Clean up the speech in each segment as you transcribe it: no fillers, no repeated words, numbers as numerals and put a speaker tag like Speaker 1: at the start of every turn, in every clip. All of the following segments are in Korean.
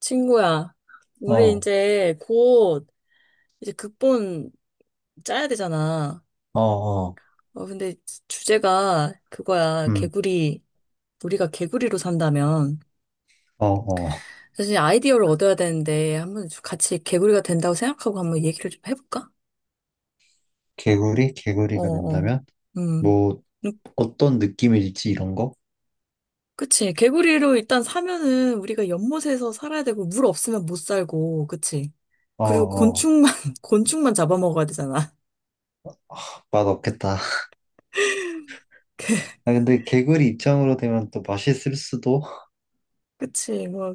Speaker 1: 친구야, 우리
Speaker 2: 어,
Speaker 1: 이제 곧 극본 짜야 되잖아.
Speaker 2: 어, 어.
Speaker 1: 근데 주제가 그거야.
Speaker 2: 음,
Speaker 1: 개구리. 우리가 개구리로 산다면.
Speaker 2: 어, 어.
Speaker 1: 사실 아이디어를 얻어야 되는데 한번 같이 개구리가 된다고 생각하고 한번 얘기를 좀 해볼까?
Speaker 2: 개구리?
Speaker 1: 어,
Speaker 2: 개구리가
Speaker 1: 어.
Speaker 2: 된다면?
Speaker 1: 음.
Speaker 2: 뭐,
Speaker 1: 음,
Speaker 2: 어떤 느낌일지 이런 거?
Speaker 1: 그치. 개구리로 일단 사면은 우리가 연못에서 살아야 되고 물 없으면 못 살고, 그치.
Speaker 2: 어,
Speaker 1: 그리고
Speaker 2: 어.
Speaker 1: 곤충만, 곤충만 잡아먹어야 되잖아.
Speaker 2: 맛없겠다. 아, 근데 개구리 입장으로 되면 또 맛있을 수도?
Speaker 1: 그치. 뭐,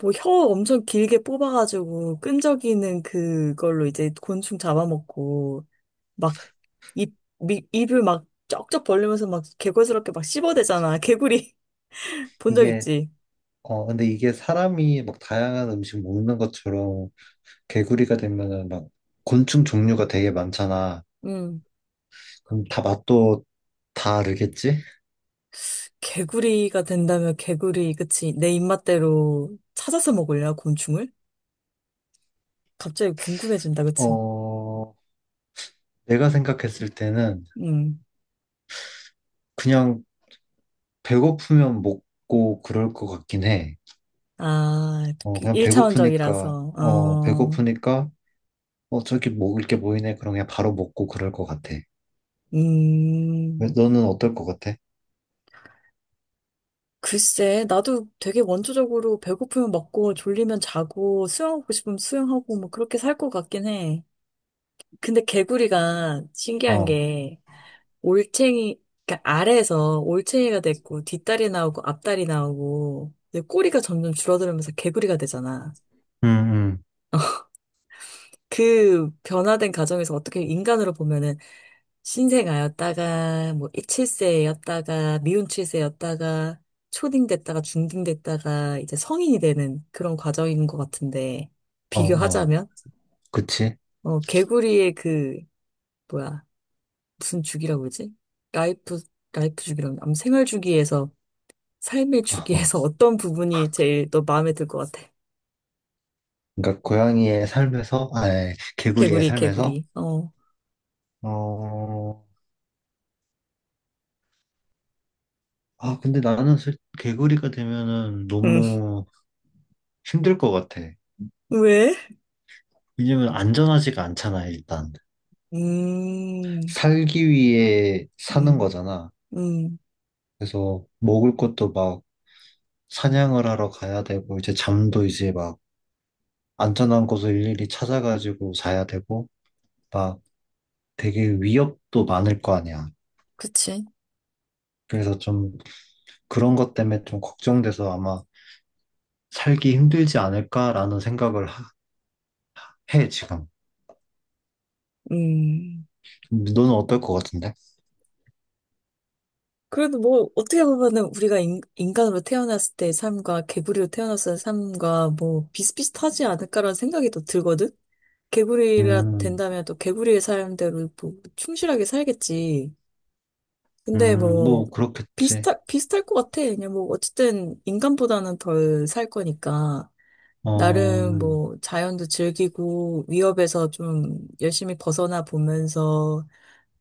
Speaker 1: 뭐 혀 엄청 길게 뽑아가지고 끈적이는 그걸로 이제 곤충 잡아먹고 막 입, 입을 막 쩍쩍 벌리면서 막 개구스럽게 막 씹어대잖아. 개구리 본 적
Speaker 2: 이게,
Speaker 1: 있지?
Speaker 2: 어, 근데 이게 사람이 막 다양한 음식 먹는 것처럼 개구리가 되면은 막 곤충 종류가 되게 많잖아.
Speaker 1: 음.
Speaker 2: 그럼 다 맛도 다르겠지?
Speaker 1: 개구리가 된다면 개구리, 그치? 내 입맛대로 찾아서 먹을래, 곤충을? 갑자기 궁금해진다, 그치?
Speaker 2: 어, 내가 생각했을 때는
Speaker 1: 음.
Speaker 2: 그냥 배고프면 먹고 그럴 것 같긴 해.
Speaker 1: 아,
Speaker 2: 어, 그냥 배고프니까,
Speaker 1: 1차원적이라서,
Speaker 2: 어,
Speaker 1: 어,
Speaker 2: 배고프니까, 어, 저기 먹을 게 보이네. 그럼 그냥 바로 먹고 그럴 것 같아.
Speaker 1: 음.
Speaker 2: 너는 어떨 것 같아?
Speaker 1: 글쎄, 나도 되게 원초적으로 배고프면 먹고 졸리면 자고 수영하고 싶으면 수영하고 뭐 그렇게 살 것 같긴 해. 근데 개구리가 신기한
Speaker 2: 어,
Speaker 1: 게 올챙이, 그러니까 아래에서 올챙이가 됐고 뒷다리 나오고 앞다리 나오고 이제 꼬리가 점점 줄어들면서 개구리가 되잖아.
Speaker 2: 응응
Speaker 1: 그 변화된 가정에서 어떻게 인간으로 보면은 신생아였다가 뭐 7세였다가 미운 7세였다가 초딩됐다가 중딩됐다가 이제 성인이 되는 그런 과정인 것 같은데
Speaker 2: 어, 어,
Speaker 1: 비교하자면
Speaker 2: 그치?
Speaker 1: 개구리의 그 뭐야, 무슨 주기라고 그러지? 라이프 라이프 주기라고, 아무 생활 주기에서 삶의
Speaker 2: 어, 어.
Speaker 1: 주기에서 어떤 부분이 제일 너 마음에 들 것 같아?
Speaker 2: 그러니까 고양이의 삶에서, 아, 아니, 개구리의
Speaker 1: 개구리
Speaker 2: 삶에서,
Speaker 1: 개구리 어.
Speaker 2: 어, 아, 근데 나는 개구리가 되면은
Speaker 1: 음.
Speaker 2: 너무 힘들 것 같아.
Speaker 1: 왜?
Speaker 2: 왜냐면 안전하지가 않잖아, 일단.
Speaker 1: 음,
Speaker 2: 살기 위해 사는
Speaker 1: 음,
Speaker 2: 거잖아.
Speaker 1: 음.
Speaker 2: 그래서 먹을 것도 막 사냥을 하러 가야 되고, 이제 잠도 이제 막 안전한 곳을 일일이 찾아가지고 자야 되고, 막 되게 위협도 많을 거 아니야.
Speaker 1: 그치?
Speaker 2: 그래서 좀 그런 것 때문에 좀 걱정돼서 아마 살기 힘들지 않을까라는 생각을 해, 지금.
Speaker 1: 음.
Speaker 2: 너는 어떨 것 같은데?
Speaker 1: 그래도 뭐, 어떻게 보면은 우리가 인간으로 태어났을 때의 삶과 개구리로 태어났을 때 삶과 뭐, 비슷비슷하지 않을까라는 생각이 또 들거든? 개구리가
Speaker 2: 음,
Speaker 1: 된다면 또 개구리의 삶대로 뭐, 충실하게 살겠지. 근데 뭐,
Speaker 2: 뭐, 그렇겠지.
Speaker 1: 비슷할 것 같아. 그냥 뭐, 어쨌든 인간보다는 덜 살 거니까.
Speaker 2: 어,
Speaker 1: 나름 뭐, 자연도 즐기고, 위협에서 좀 열심히 벗어나 보면서,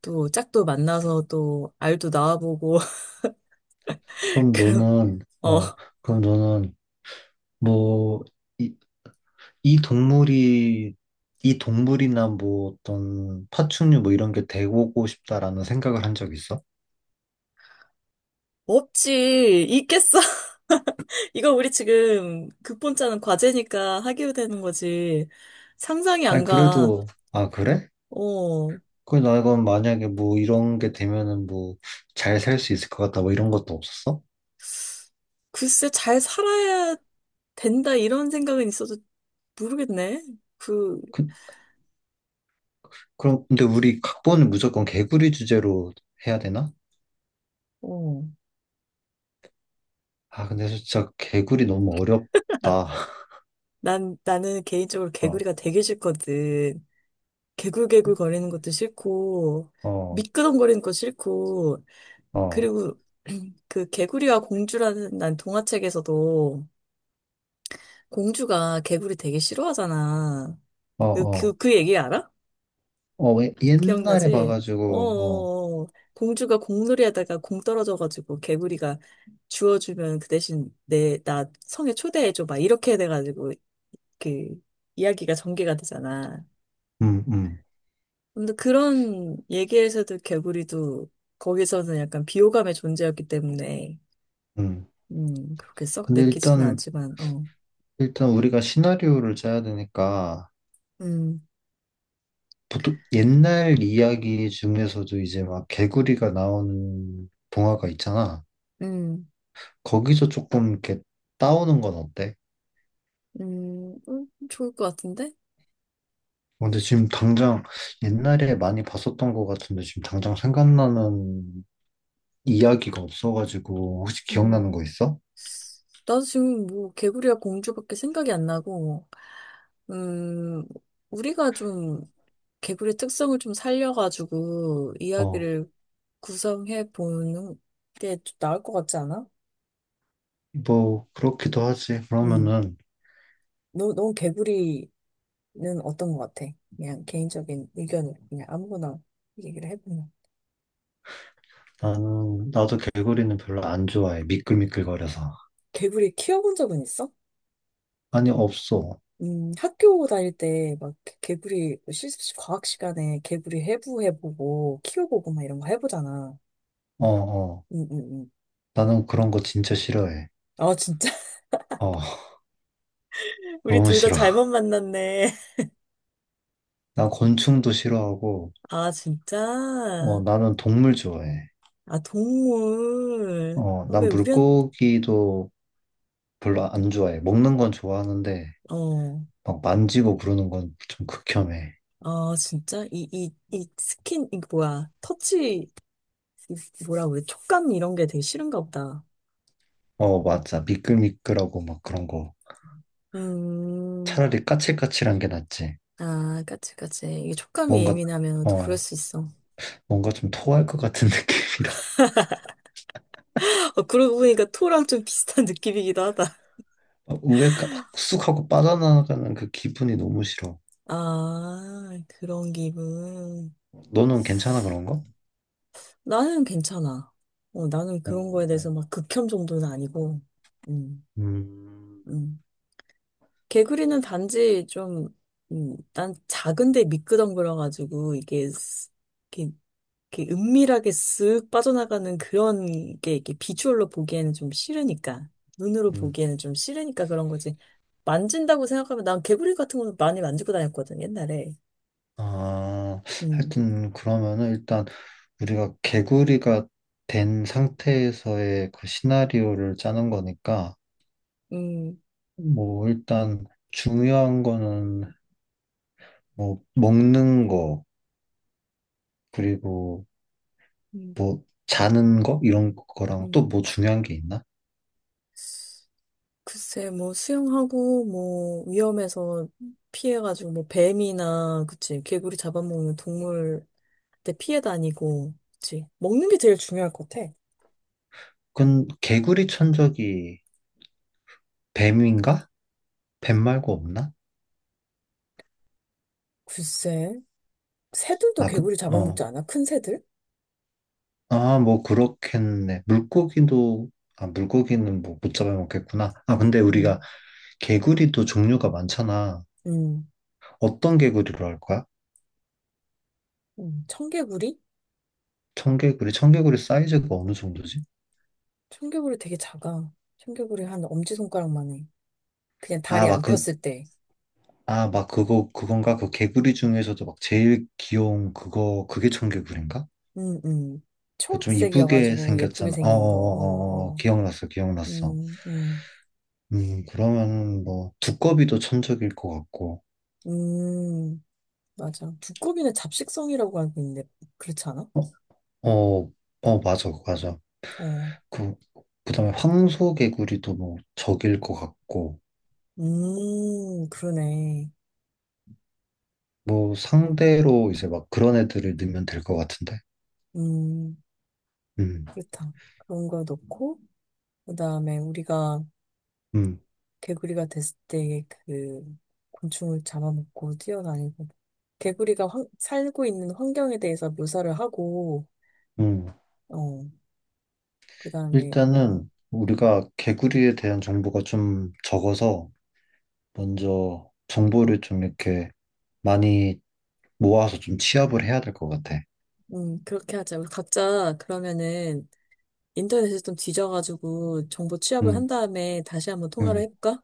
Speaker 1: 또 짝도 만나서 또 알도 낳아보고
Speaker 2: 그럼
Speaker 1: 그,
Speaker 2: 너는,
Speaker 1: 어,
Speaker 2: 어, 그럼 너는, 뭐, 이 동물이 이 동물이나 뭐 어떤 파충류 뭐 이런 게 되고 싶다라는 생각을 한 적 있어?
Speaker 1: 없지. 있겠어. 이거 우리 지금 극본짜는 과제니까 하기로 되는 거지. 상상이
Speaker 2: 아니
Speaker 1: 안 가.
Speaker 2: 그래도 아 그래?
Speaker 1: 어,
Speaker 2: 그래 나 이건 만약에 뭐 이런 게 되면은 뭐 잘 살 수 있을 것 같다 뭐 이런 것도 없었어?
Speaker 1: 글쎄, 잘 살아야 된다, 이런 생각은 있어도 모르겠네. 그,
Speaker 2: 그, 그럼 근데 우리 각본을 무조건 개구리 주제로 해야 되나?
Speaker 1: 어,
Speaker 2: 아 근데 진짜 개구리 너무 어렵다.
Speaker 1: 나는 개인적으로
Speaker 2: 어,
Speaker 1: 개구리가 되게 싫거든. 개굴개굴 거리는 것도 싫고,
Speaker 2: 어,
Speaker 1: 미끄덩거리는 것도 싫고,
Speaker 2: 어,
Speaker 1: 그리고 그 개구리와 공주라는 난 동화책에서도 공주가 개구리 되게 싫어하잖아.
Speaker 2: 어,
Speaker 1: 그, 그,
Speaker 2: 어,
Speaker 1: 그 얘기 알아?
Speaker 2: 어, 옛날에
Speaker 1: 기억나지? 어,
Speaker 2: 봐가지고, 어,
Speaker 1: 어, 어. 공주가 공놀이 하다가 공 떨어져가지고 개구리가 주워주면 그 대신 나 성에 초대해줘. 막 이렇게 돼가지고 그 이야기가 전개가 되잖아.
Speaker 2: 음, 음,
Speaker 1: 근데 그런 얘기에서도 개구리도 거기서는 약간 비호감의 존재였기 때문에,
Speaker 2: 음.
Speaker 1: 그렇게 썩
Speaker 2: 근데
Speaker 1: 내키지는 않지만, 어,
Speaker 2: 일단 우리가 시나리오를 짜야 되니까
Speaker 1: 음,
Speaker 2: 보통 옛날 이야기 중에서도 이제 막 개구리가 나오는 동화가 있잖아.
Speaker 1: 음,
Speaker 2: 거기서 조금 이렇게 따오는 건 어때?
Speaker 1: 좋을 것 같은데?
Speaker 2: 근데 지금 당장 옛날에 많이 봤었던 것 같은데 지금 당장 생각나는 이야기가 없어가지고 혹시 기억나는
Speaker 1: 음.
Speaker 2: 거 있어?
Speaker 1: 나도 지금 뭐 개구리와 공주밖에 생각이 안 나고, 음, 우리가 좀 개구리 특성을 좀 살려가지고
Speaker 2: 어,
Speaker 1: 이야기를 구성해 보는 게 나을 것 같지 않아?
Speaker 2: 뭐 그렇기도 하지.
Speaker 1: 음,
Speaker 2: 그러면은
Speaker 1: 넌 개구리는 어떤 것 같아? 그냥 개인적인 의견을 그냥 아무거나 얘기를 해보면.
Speaker 2: 나는 나도 개구리는 별로 안 좋아해. 미끌미끌거려서.
Speaker 1: 개구리 키워본 적은 있어?
Speaker 2: 아니 없어.
Speaker 1: 학교 다닐 때 막 개구리 실 과학 시간에 개구리 해부해보고 키워보고 막 이런 거 해보잖아.
Speaker 2: 어, 어.
Speaker 1: 응, 응, 응.
Speaker 2: 나는 그런 거 진짜 싫어해.
Speaker 1: 어, 진짜?
Speaker 2: 어,
Speaker 1: 우리
Speaker 2: 너무
Speaker 1: 둘 다
Speaker 2: 싫어.
Speaker 1: 잘못 만났네.
Speaker 2: 난 곤충도 싫어하고,
Speaker 1: 아, 진짜?
Speaker 2: 어, 나는 동물 좋아해.
Speaker 1: 아, 동물.
Speaker 2: 어,
Speaker 1: 어, 왜
Speaker 2: 난
Speaker 1: 우리한,
Speaker 2: 물고기도 별로 안 좋아해. 먹는 건 좋아하는데,
Speaker 1: 어,
Speaker 2: 막 만지고 그러는 건 좀 극혐해.
Speaker 1: 아, 진짜? 이 스킨, 이 뭐야. 터치, 이 뭐라 그래. 촉감 이런 게 되게 싫은가 보다.
Speaker 2: 어, 맞아. 미끌미끌하고 막 그런 거.
Speaker 1: 음,
Speaker 2: 차라리 까칠까칠한 게 낫지.
Speaker 1: 아, 까치. 이게 촉감이
Speaker 2: 뭔가,
Speaker 1: 예민하면 또 그럴
Speaker 2: 어,
Speaker 1: 수 있어.
Speaker 2: 뭔가 좀 토할 것 같은 느낌이라.
Speaker 1: 어, 그러고 보니까 토랑 좀 비슷한 느낌이기도 하다.
Speaker 2: 우에 확쑥 하고 빠져나가는 그 기분이 너무 싫어.
Speaker 1: 아, 그런 기분.
Speaker 2: 너는 괜찮아, 그런 거?
Speaker 1: 나는 괜찮아. 어, 나는
Speaker 2: 어,
Speaker 1: 그런 거에 대해서 막 극혐 정도는 아니고, 음,
Speaker 2: 음,
Speaker 1: 음. 개구리는 단지 좀, 난 작은데 미끄덩거려가지고, 이게, 스- 이렇게, 이렇게 은밀하게 쓱 빠져나가는 그런 게, 이렇게 비주얼로 보기에는 좀 싫으니까, 눈으로
Speaker 2: 음.
Speaker 1: 보기에는 좀 싫으니까 그런 거지. 만진다고 생각하면, 난 개구리 같은 거는 많이 만지고 다녔거든, 옛날에.
Speaker 2: 아,
Speaker 1: 음,
Speaker 2: 하여튼 그러면은 일단 우리가 개구리가 된 상태에서의 그 시나리오를 짜는 거니까
Speaker 1: 음,
Speaker 2: 뭐 일단 중요한 거는 뭐 먹는 거 그리고
Speaker 1: 음,
Speaker 2: 자는 거 이런 거랑 또
Speaker 1: 음.
Speaker 2: 뭐 중요한 게 있나?
Speaker 1: 글쎄, 뭐, 수영하고, 뭐, 위험해서 피해가지고, 뭐, 뱀이나, 그치, 개구리 잡아먹는 동물한테 피해 다니고, 그치. 먹는 게 제일 중요할 것 같아.
Speaker 2: 그건 개구리 천적이 뱀인가? 뱀 말고 없나?
Speaker 1: 글쎄, 새들도
Speaker 2: 아, 그,
Speaker 1: 개구리
Speaker 2: 어.
Speaker 1: 잡아먹지 않아? 큰 새들?
Speaker 2: 아, 뭐 그렇겠네. 물고기도 아, 물고기는 뭐 못 잡아먹겠구나. 아, 근데 우리가
Speaker 1: 음,
Speaker 2: 개구리도 종류가 많잖아.
Speaker 1: 음,
Speaker 2: 어떤 개구리로 할 거야?
Speaker 1: 청개구리?
Speaker 2: 청개구리, 청개구리 사이즈가 어느 정도지?
Speaker 1: 청개구리 되게 작아. 청개구리 한 엄지손가락만 해. 그냥
Speaker 2: 아,
Speaker 1: 다리
Speaker 2: 막
Speaker 1: 안
Speaker 2: 그,
Speaker 1: 폈을 때.
Speaker 2: 아, 막 그거, 그건가? 그 개구리 중에서도 막 제일 귀여운 그거, 그게 청개구리인가?
Speaker 1: 음, 음.
Speaker 2: 그 좀 이쁘게
Speaker 1: 초록색이어가지고, 예쁘게
Speaker 2: 생겼잖아.
Speaker 1: 생긴 거, 어,
Speaker 2: 어어어어,
Speaker 1: 어.
Speaker 2: 기억났어.
Speaker 1: 음, 음,
Speaker 2: 그러면 뭐, 두꺼비도 천적일 것 같고.
Speaker 1: 음. 맞아. 두꺼비는 잡식성이라고 하는데, 그렇지 않아?
Speaker 2: 어, 어, 맞아.
Speaker 1: 어.
Speaker 2: 그, 그다음에 황소개구리도 뭐 적일 것 같고.
Speaker 1: 그러네.
Speaker 2: 뭐 상대로 이제 막 그런 애들을 넣으면 될 것 같은데?
Speaker 1: 음,
Speaker 2: 음,
Speaker 1: 그렇다. 그런 거 넣고, 그 다음에 우리가
Speaker 2: 음,
Speaker 1: 개구리가 됐을 때 그 곤충을 잡아먹고 뛰어다니고, 개구리가 환- 살고 있는 환경에 대해서 묘사를 하고,
Speaker 2: 음.
Speaker 1: 어, 그 다음에, 어,
Speaker 2: 일단은 우리가 개구리에 대한 정보가 좀 적어서 먼저 정보를 좀 이렇게 많이 모아서 좀 취합을 해야 될 것 같아.
Speaker 1: 그렇게 하자. 우리 각자 그러면은 인터넷에 좀 뒤져가지고 정보 취합을
Speaker 2: 음,
Speaker 1: 한 다음에 다시 한번 통화를
Speaker 2: 음.
Speaker 1: 해볼까?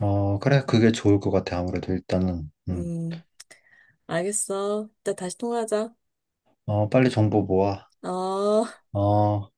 Speaker 2: 어, 그래. 그게 좋을 것 같아. 아무래도 일단은. 음.
Speaker 1: 음. 알겠어. 이따 다시 통화하자.
Speaker 2: 어, 빨리 정보 모아.
Speaker 1: 어.
Speaker 2: 어.